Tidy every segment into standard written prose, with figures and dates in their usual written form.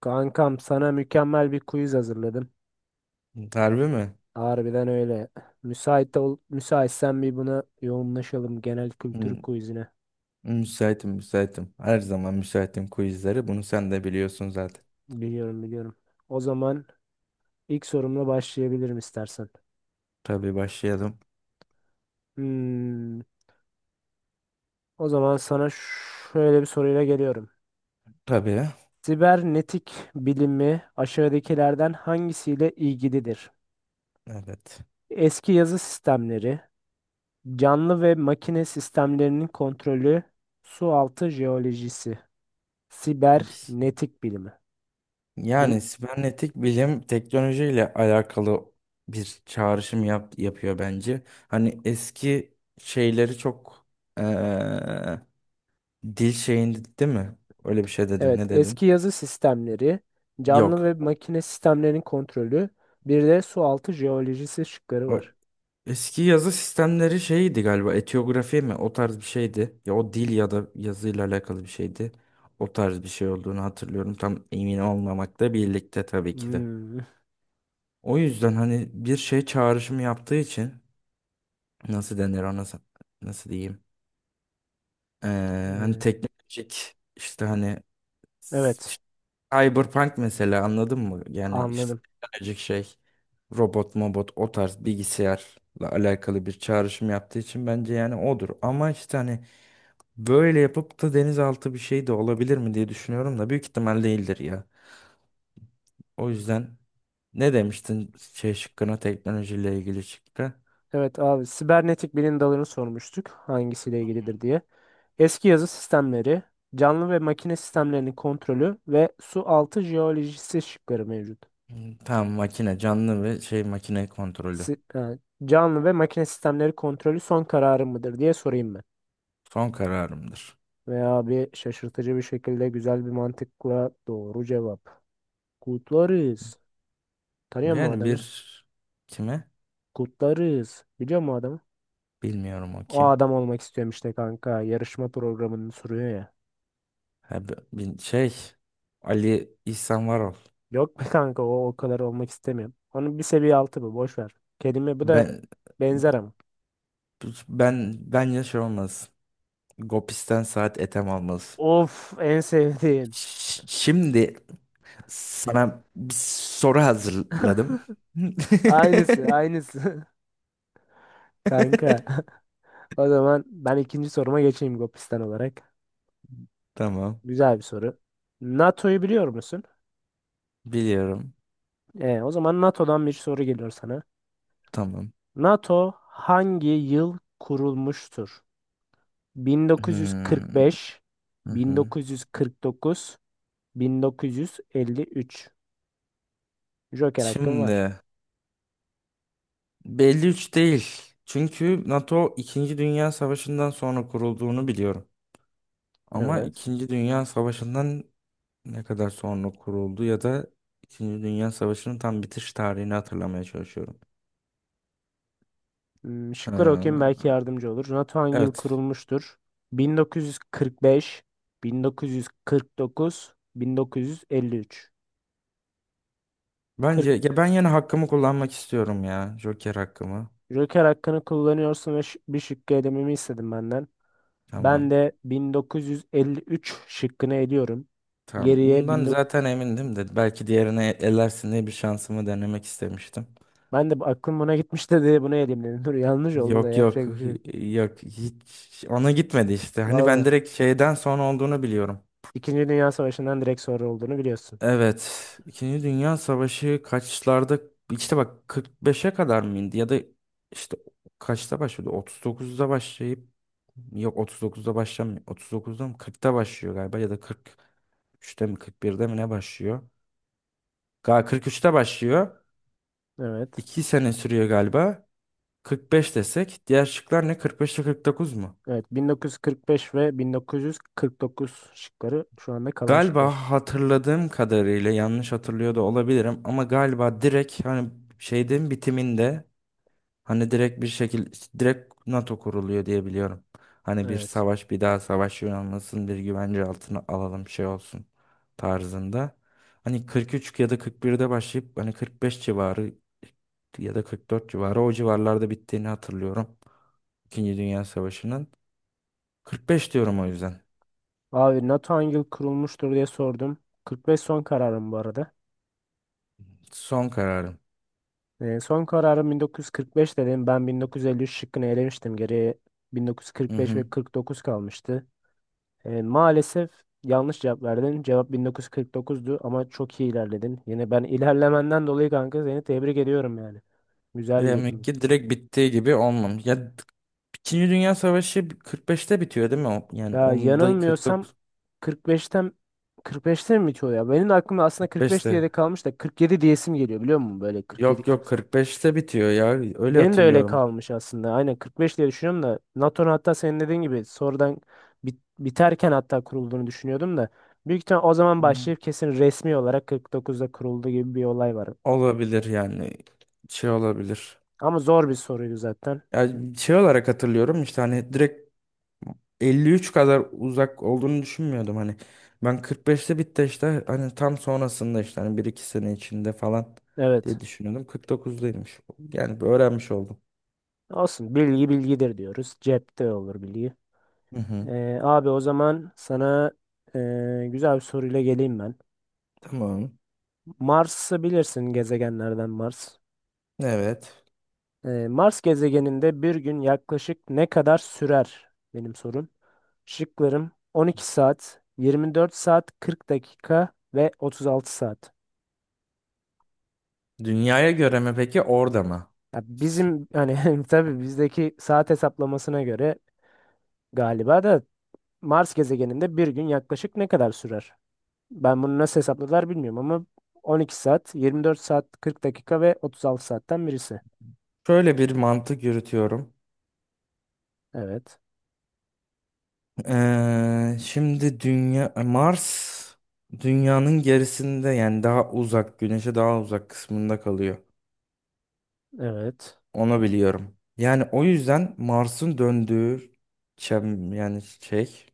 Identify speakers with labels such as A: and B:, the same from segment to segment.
A: Kankam sana mükemmel bir quiz hazırladım.
B: Harbi mi?
A: Harbiden öyle. Müsait ol, müsaitsen bir buna yoğunlaşalım genel kültür
B: Hmm,
A: quizine.
B: Müsaitim, müsaitim. Her zaman müsaitim quizlere. Bunu sen de biliyorsun zaten.
A: Biliyorum biliyorum. O zaman ilk sorumla başlayabilirim istersen.
B: Tabii başlayalım.
A: Hmm, o zaman sana şöyle bir soruyla geliyorum.
B: Tabii.
A: Sibernetik bilimi aşağıdakilerden hangisiyle ilgilidir?
B: Evet.
A: Eski yazı sistemleri, canlı ve makine sistemlerinin kontrolü, su altı jeolojisi. Sibernetik bilimi. Duy-
B: Yani sibernetik bilim teknolojiyle alakalı bir çağrışım yapıyor bence. Hani eski şeyleri çok eee, dil şeyinde değil mi? Öyle bir şey dedin.
A: Evet,
B: Ne dedin?
A: eski yazı sistemleri, canlı
B: Yok.
A: ve makine sistemlerinin kontrolü, bir de su altı jeolojisi şıkları
B: O-
A: var.
B: Eski yazı sistemleri şeydi galiba, etiyografi mi, o tarz bir şeydi. Ya o dil ya da yazıyla alakalı bir şeydi. O tarz bir şey olduğunu hatırlıyorum. Tam emin olmamakla birlikte tabii ki de.
A: Hmm,
B: O yüzden hani bir şey çağrışımı yaptığı için nasıl denir ona nasıl diyeyim? Ee, Hani
A: evet,
B: teknolojik işte hani
A: evet,
B: Cyberpunk mesela, anladın mı? Yani işte
A: anladım.
B: teknolojik şey, robot mobot, o tarz bilgisayarla alakalı bir çağrışım yaptığı için bence yani odur. Ama işte hani böyle yapıp da denizaltı bir şey de olabilir mi diye düşünüyorum da büyük ihtimal değildir ya. O yüzden ne demiştin şey şıkkına, teknolojiyle ilgili şıkkı?
A: Evet abi, sibernetik bilim dalını sormuştuk hangisiyle ilgilidir diye. Eski yazı sistemleri, canlı ve makine sistemlerinin kontrolü ve su altı jeolojisi şıkları mevcut.
B: Hmm, tamam, makine canlı ve şey makine kontrolü.
A: Si- e, canlı ve makine sistemleri kontrolü son kararı mıdır diye sorayım.
B: Son kararımdır.
A: Veya bir şaşırtıcı bir şekilde güzel bir mantıkla doğru cevap. Kutlarız. Tanıyor mu
B: Yani
A: adamı?
B: bir, kime?
A: Kutlarız. Biliyor mu adamı?
B: Bilmiyorum, o
A: O
B: kim.
A: adam olmak istiyorum işte kanka. Yarışma programını sürüyor ya.
B: Ha, şey, Ali İhsan Varol.
A: Yok be kanka o, o kadar olmak istemiyorum. Onun bir seviye altı bu. Boş ver. Kelime bu da
B: Ben
A: benzer ama.
B: ben bence şey olmaz. Gopis'ten saat etem almaz.
A: Of en sevdiğim.
B: Şimdi sana bir soru hazırladım.
A: Aynısı aynısı. Kanka o zaman ben ikinci soruma geçeyim Gopistan olarak.
B: Tamam.
A: Güzel bir soru. NATO'yu biliyor musun?
B: Biliyorum.
A: O zaman NATO'dan bir soru geliyor sana.
B: Tamam.
A: NATO hangi yıl kurulmuştur?
B: Hmm,
A: 1945,
B: hı hı.
A: 1949, 1953. Joker hakkın var.
B: Şimdi belli üç değil. Çünkü NATO İkinci Dünya Savaşı'ndan sonra kurulduğunu biliyorum. Ama
A: Evet.
B: İkinci Dünya Savaşı'ndan ne kadar sonra kuruldu ya da İkinci Dünya Savaşı'nın tam bitiş tarihini hatırlamaya çalışıyorum.
A: Hmm,
B: Ha,
A: şıkları okuyayım belki yardımcı olur. NATO hangi yıl
B: evet.
A: kurulmuştur? 1945, 1949, 1953. 40.
B: Bence ya, ben yine hakkımı kullanmak istiyorum ya. Joker hakkımı.
A: Joker hakkını kullanıyorsun ve bir şıkkı elememi istedim benden. Ben
B: Tamam.
A: de 1953 şıkkını eliyorum.
B: Tamam.
A: Geriye
B: Bundan
A: 19...
B: zaten emindim de belki diğerine elersin diye bir şansımı denemek istemiştim.
A: Ben de aklım buna gitmişti diye bunu eleyim dedim. Dur yanlış oldu da
B: Yok, yok,
A: yapacak bir şey yok.
B: yok, hiç ona gitmedi işte. Hani ben
A: Vallahi.
B: direkt şeyden sonra olduğunu biliyorum.
A: İkinci Dünya Savaşı'ndan direkt sonra olduğunu biliyorsun.
B: Evet. İkinci Dünya Savaşı kaçlarda, işte bak 45'e kadar mı indi ya da işte kaçta başladı? 39'da başlayıp, yok, 39'da başlamıyor. 39'da mı 40'ta başlıyor galiba, ya da 43'te mi 41'de mi ne başlıyor? Galiba 43'te başlıyor.
A: Evet.
B: 2 sene sürüyor galiba. 45 desek, diğer şıklar ne, 45 ile 49 mu?
A: Evet 1945 ve 1949 şıkları şu anda kalan
B: Galiba
A: şıklar.
B: hatırladığım kadarıyla, yanlış hatırlıyor da olabilirim ama galiba direkt hani şeyden bitiminde, hani direkt bir şekilde direkt NATO kuruluyor diye biliyorum. Hani bir
A: Evet.
B: savaş, bir daha savaş yaşanmasın, bir güvence altına alalım şey olsun tarzında. Hani 43 ya da 41'de başlayıp hani 45 civarı ya da 44 civarı, o civarlarda bittiğini hatırlıyorum. İkinci Dünya Savaşı'nın. 45 diyorum o yüzden.
A: Abi NATO hangi yıl kurulmuştur diye sordum. 45 son kararım bu arada.
B: Son kararım.
A: Son kararım 1945 dedim. Ben 1953 şıkkını elemiştim. Geriye
B: Hı
A: 1945
B: hı.
A: ve 49 kalmıştı. Maalesef yanlış cevap verdin. Cevap 1949'du ama çok iyi ilerledin. Yine ben ilerlemenden dolayı kanka seni tebrik ediyorum yani. Güzel
B: Demek
A: dedin.
B: ki direkt bittiği gibi olmamış. Ya İkinci Dünya Savaşı 45'te bitiyor değil mi? O? Yani
A: Ya
B: onda
A: yanılmıyorsam
B: 49,
A: 45'ten 45'te mi bitiyor ya? Benim de aklımda aslında 45 diye de
B: 45'te,
A: kalmış da 47 diyesim geliyor biliyor musun? Böyle 47
B: yok, yok,
A: 48.
B: 45'te bitiyor ya. Öyle
A: Benim de öyle
B: hatırlıyorum.
A: kalmış aslında. Aynen 45 diye düşünüyorum da NATO'nun hatta senin dediğin gibi sonradan biterken hatta kurulduğunu düşünüyordum da büyük ihtimal o zaman
B: Hı hı.
A: başlayıp kesin resmi olarak 49'da kuruldu gibi bir olay var.
B: Olabilir yani. Şey olabilir.
A: Ama zor bir soruydu zaten.
B: Yani şey olarak hatırlıyorum, işte hani direkt 53 kadar uzak olduğunu düşünmüyordum hani. Ben 45'te bitti, işte hani tam sonrasında, işte hani bir iki sene içinde falan
A: Evet.
B: diye düşünüyordum. 49'daymış. Yani bir öğrenmiş oldum.
A: Olsun. Bilgi bilgidir diyoruz. Cepte olur bilgi.
B: Hı hı.
A: Abi o zaman sana güzel bir soruyla geleyim ben.
B: Tamam.
A: Mars'ı bilirsin gezegenlerden Mars.
B: Evet.
A: Mars gezegeninde bir gün yaklaşık ne kadar sürer? Benim sorum. Şıklarım 12 saat, 24 saat, 40 dakika ve 36 saat.
B: Dünyaya göre mi peki, orada mı?
A: Ya bizim hani tabii bizdeki saat hesaplamasına göre galiba da Mars gezegeninde bir gün yaklaşık ne kadar sürer? Ben bunu nasıl hesapladılar bilmiyorum ama 12 saat, 24 saat, 40 dakika ve 36 saatten birisi.
B: Şöyle bir mantık yürütüyorum.
A: Evet,
B: Şimdi dünya, Mars dünyanın gerisinde, yani daha uzak, güneşe daha uzak kısmında kalıyor.
A: evet,
B: Onu biliyorum. Yani o yüzden Mars'ın döndüğü yani şey,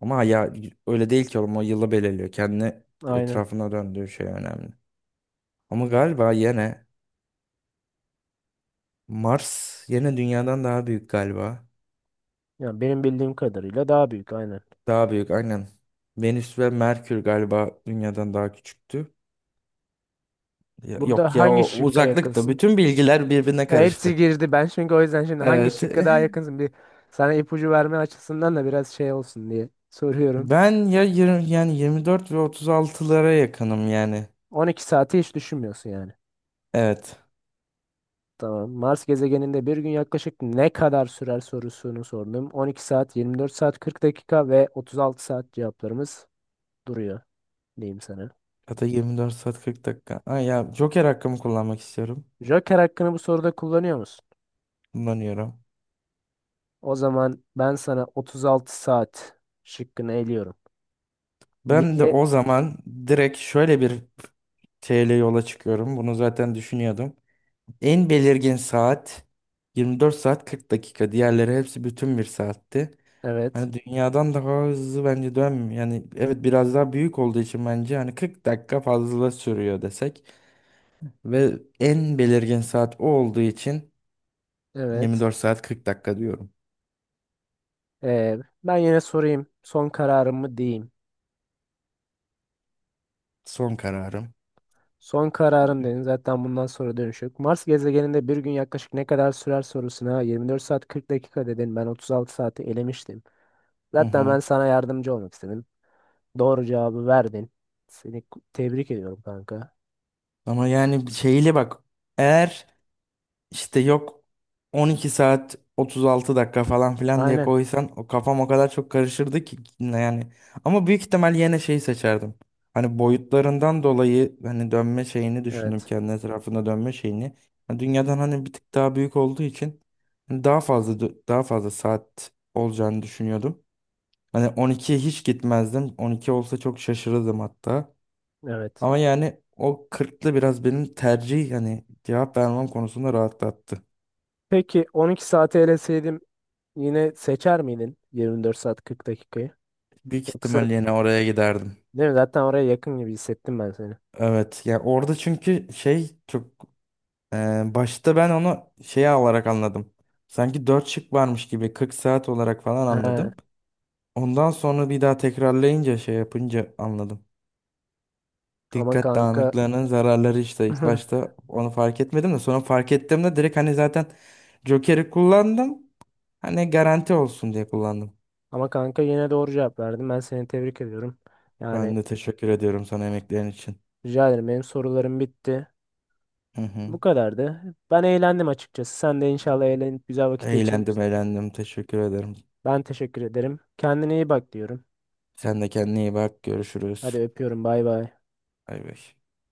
B: ama ya öyle değil ki oğlum, o yılı belirliyor. Kendi
A: aynen.
B: etrafına döndüğü şey önemli. Ama galiba yine Mars yine dünyadan daha büyük galiba.
A: Yani benim bildiğim kadarıyla daha büyük, aynen.
B: Daha büyük aynen. Venüs ve Merkür galiba dünyadan daha küçüktü. Yok
A: Burada
B: ya,
A: hangi
B: o
A: şıkka
B: uzaklıktı.
A: yakınsın?
B: Bütün bilgiler birbirine
A: Hepsi
B: karıştı.
A: girdi. Ben çünkü o yüzden şimdi hangi
B: Evet.
A: şıkka daha yakınsın? Bir sana ipucu verme açısından da biraz şey olsun diye soruyorum.
B: Ben ya 20, yani 24 ve 36'lara yakınım yani.
A: 12 saati hiç düşünmüyorsun yani.
B: Evet.
A: Tamam. Mars gezegeninde bir gün yaklaşık ne kadar sürer sorusunu sordum. 12 saat, 24 saat, 40 dakika ve 36 saat cevaplarımız duruyor diyeyim sana.
B: Ya da 24 saat 40 dakika. Ay ya, Joker hakkımı kullanmak istiyorum.
A: Joker hakkını bu soruda kullanıyor musun?
B: Kullanıyorum.
A: O zaman ben sana 36 saat şıkkını eliyorum.
B: Ben de
A: Yeni,
B: o zaman direkt şöyle bir şeyle yola çıkıyorum. Bunu zaten düşünüyordum. En belirgin saat 24 saat 40 dakika. Diğerleri hepsi bütün bir saatti.
A: evet,
B: Hani dünyadan daha hızlı bence dönmüyor. Yani evet, biraz daha büyük olduğu için bence hani 40 dakika fazla sürüyor desek ve en belirgin saat o olduğu için
A: evet.
B: 24 saat 40 dakika diyorum.
A: Ee, ben yine sorayım. Son kararımı diyeyim.
B: Son kararım.
A: Son kararım dedin. Zaten bundan sonra dönüş yok. Mars gezegeninde bir gün yaklaşık ne kadar sürer sorusuna 24 saat 40 dakika dedin. Ben 36 saati elemiştim.
B: Hı
A: Zaten ben
B: hı.
A: sana yardımcı olmak istedim. Doğru cevabı verdin. Seni tebrik ediyorum kanka.
B: Ama yani şeyle bak, eğer İşte yok 12 saat 36 dakika falan filan diye
A: Aynen.
B: koysan, o kafam o kadar çok karışırdı ki yani. Ama büyük ihtimal yine şeyi seçerdim. Hani boyutlarından dolayı hani dönme şeyini düşündüm,
A: Evet.
B: kendi etrafında dönme şeyini. Yani dünyadan hani bir tık daha büyük olduğu için hani daha fazla saat olacağını düşünüyordum. Hani 12'ye hiç gitmezdim. 12 olsa çok şaşırırdım hatta.
A: Evet.
B: Ama yani o 40'lı biraz benim tercih yani cevap vermem konusunda rahatlattı.
A: Peki 12 saate eleseydim yine seçer miydin 24 saat 40 dakikayı?
B: Büyük
A: Yoksa
B: ihtimal yine oraya giderdim.
A: değil mi? Zaten oraya yakın gibi hissettim ben seni.
B: Evet ya, orada çünkü şey çok e, başta ben onu şeye alarak anladım. Sanki 4 şık varmış gibi 40 saat olarak falan
A: He,
B: anladım. Ondan sonra bir daha tekrarlayınca, şey yapınca anladım.
A: ama
B: Dikkat
A: kanka
B: dağınıklığının zararları işte, ilk başta onu fark etmedim de sonra fark ettiğimde direkt hani zaten Joker'i kullandım. Hani garanti olsun diye kullandım.
A: ama kanka yine doğru cevap verdin. Ben seni tebrik ediyorum. Yani
B: Ben de teşekkür ediyorum sana emeklerin için.
A: rica ederim benim sorularım bitti.
B: Hı hı.
A: Bu kadardı. Ben eğlendim açıkçası. Sen de inşallah eğlenip güzel vakit
B: Eğlendim,
A: geçirmişsin.
B: eğlendim, teşekkür ederim.
A: Ben teşekkür ederim. Kendine iyi bak diyorum.
B: Sen de kendine iyi bak.
A: Hadi
B: Görüşürüz.
A: öpüyorum. Bay bay.
B: Bay bay.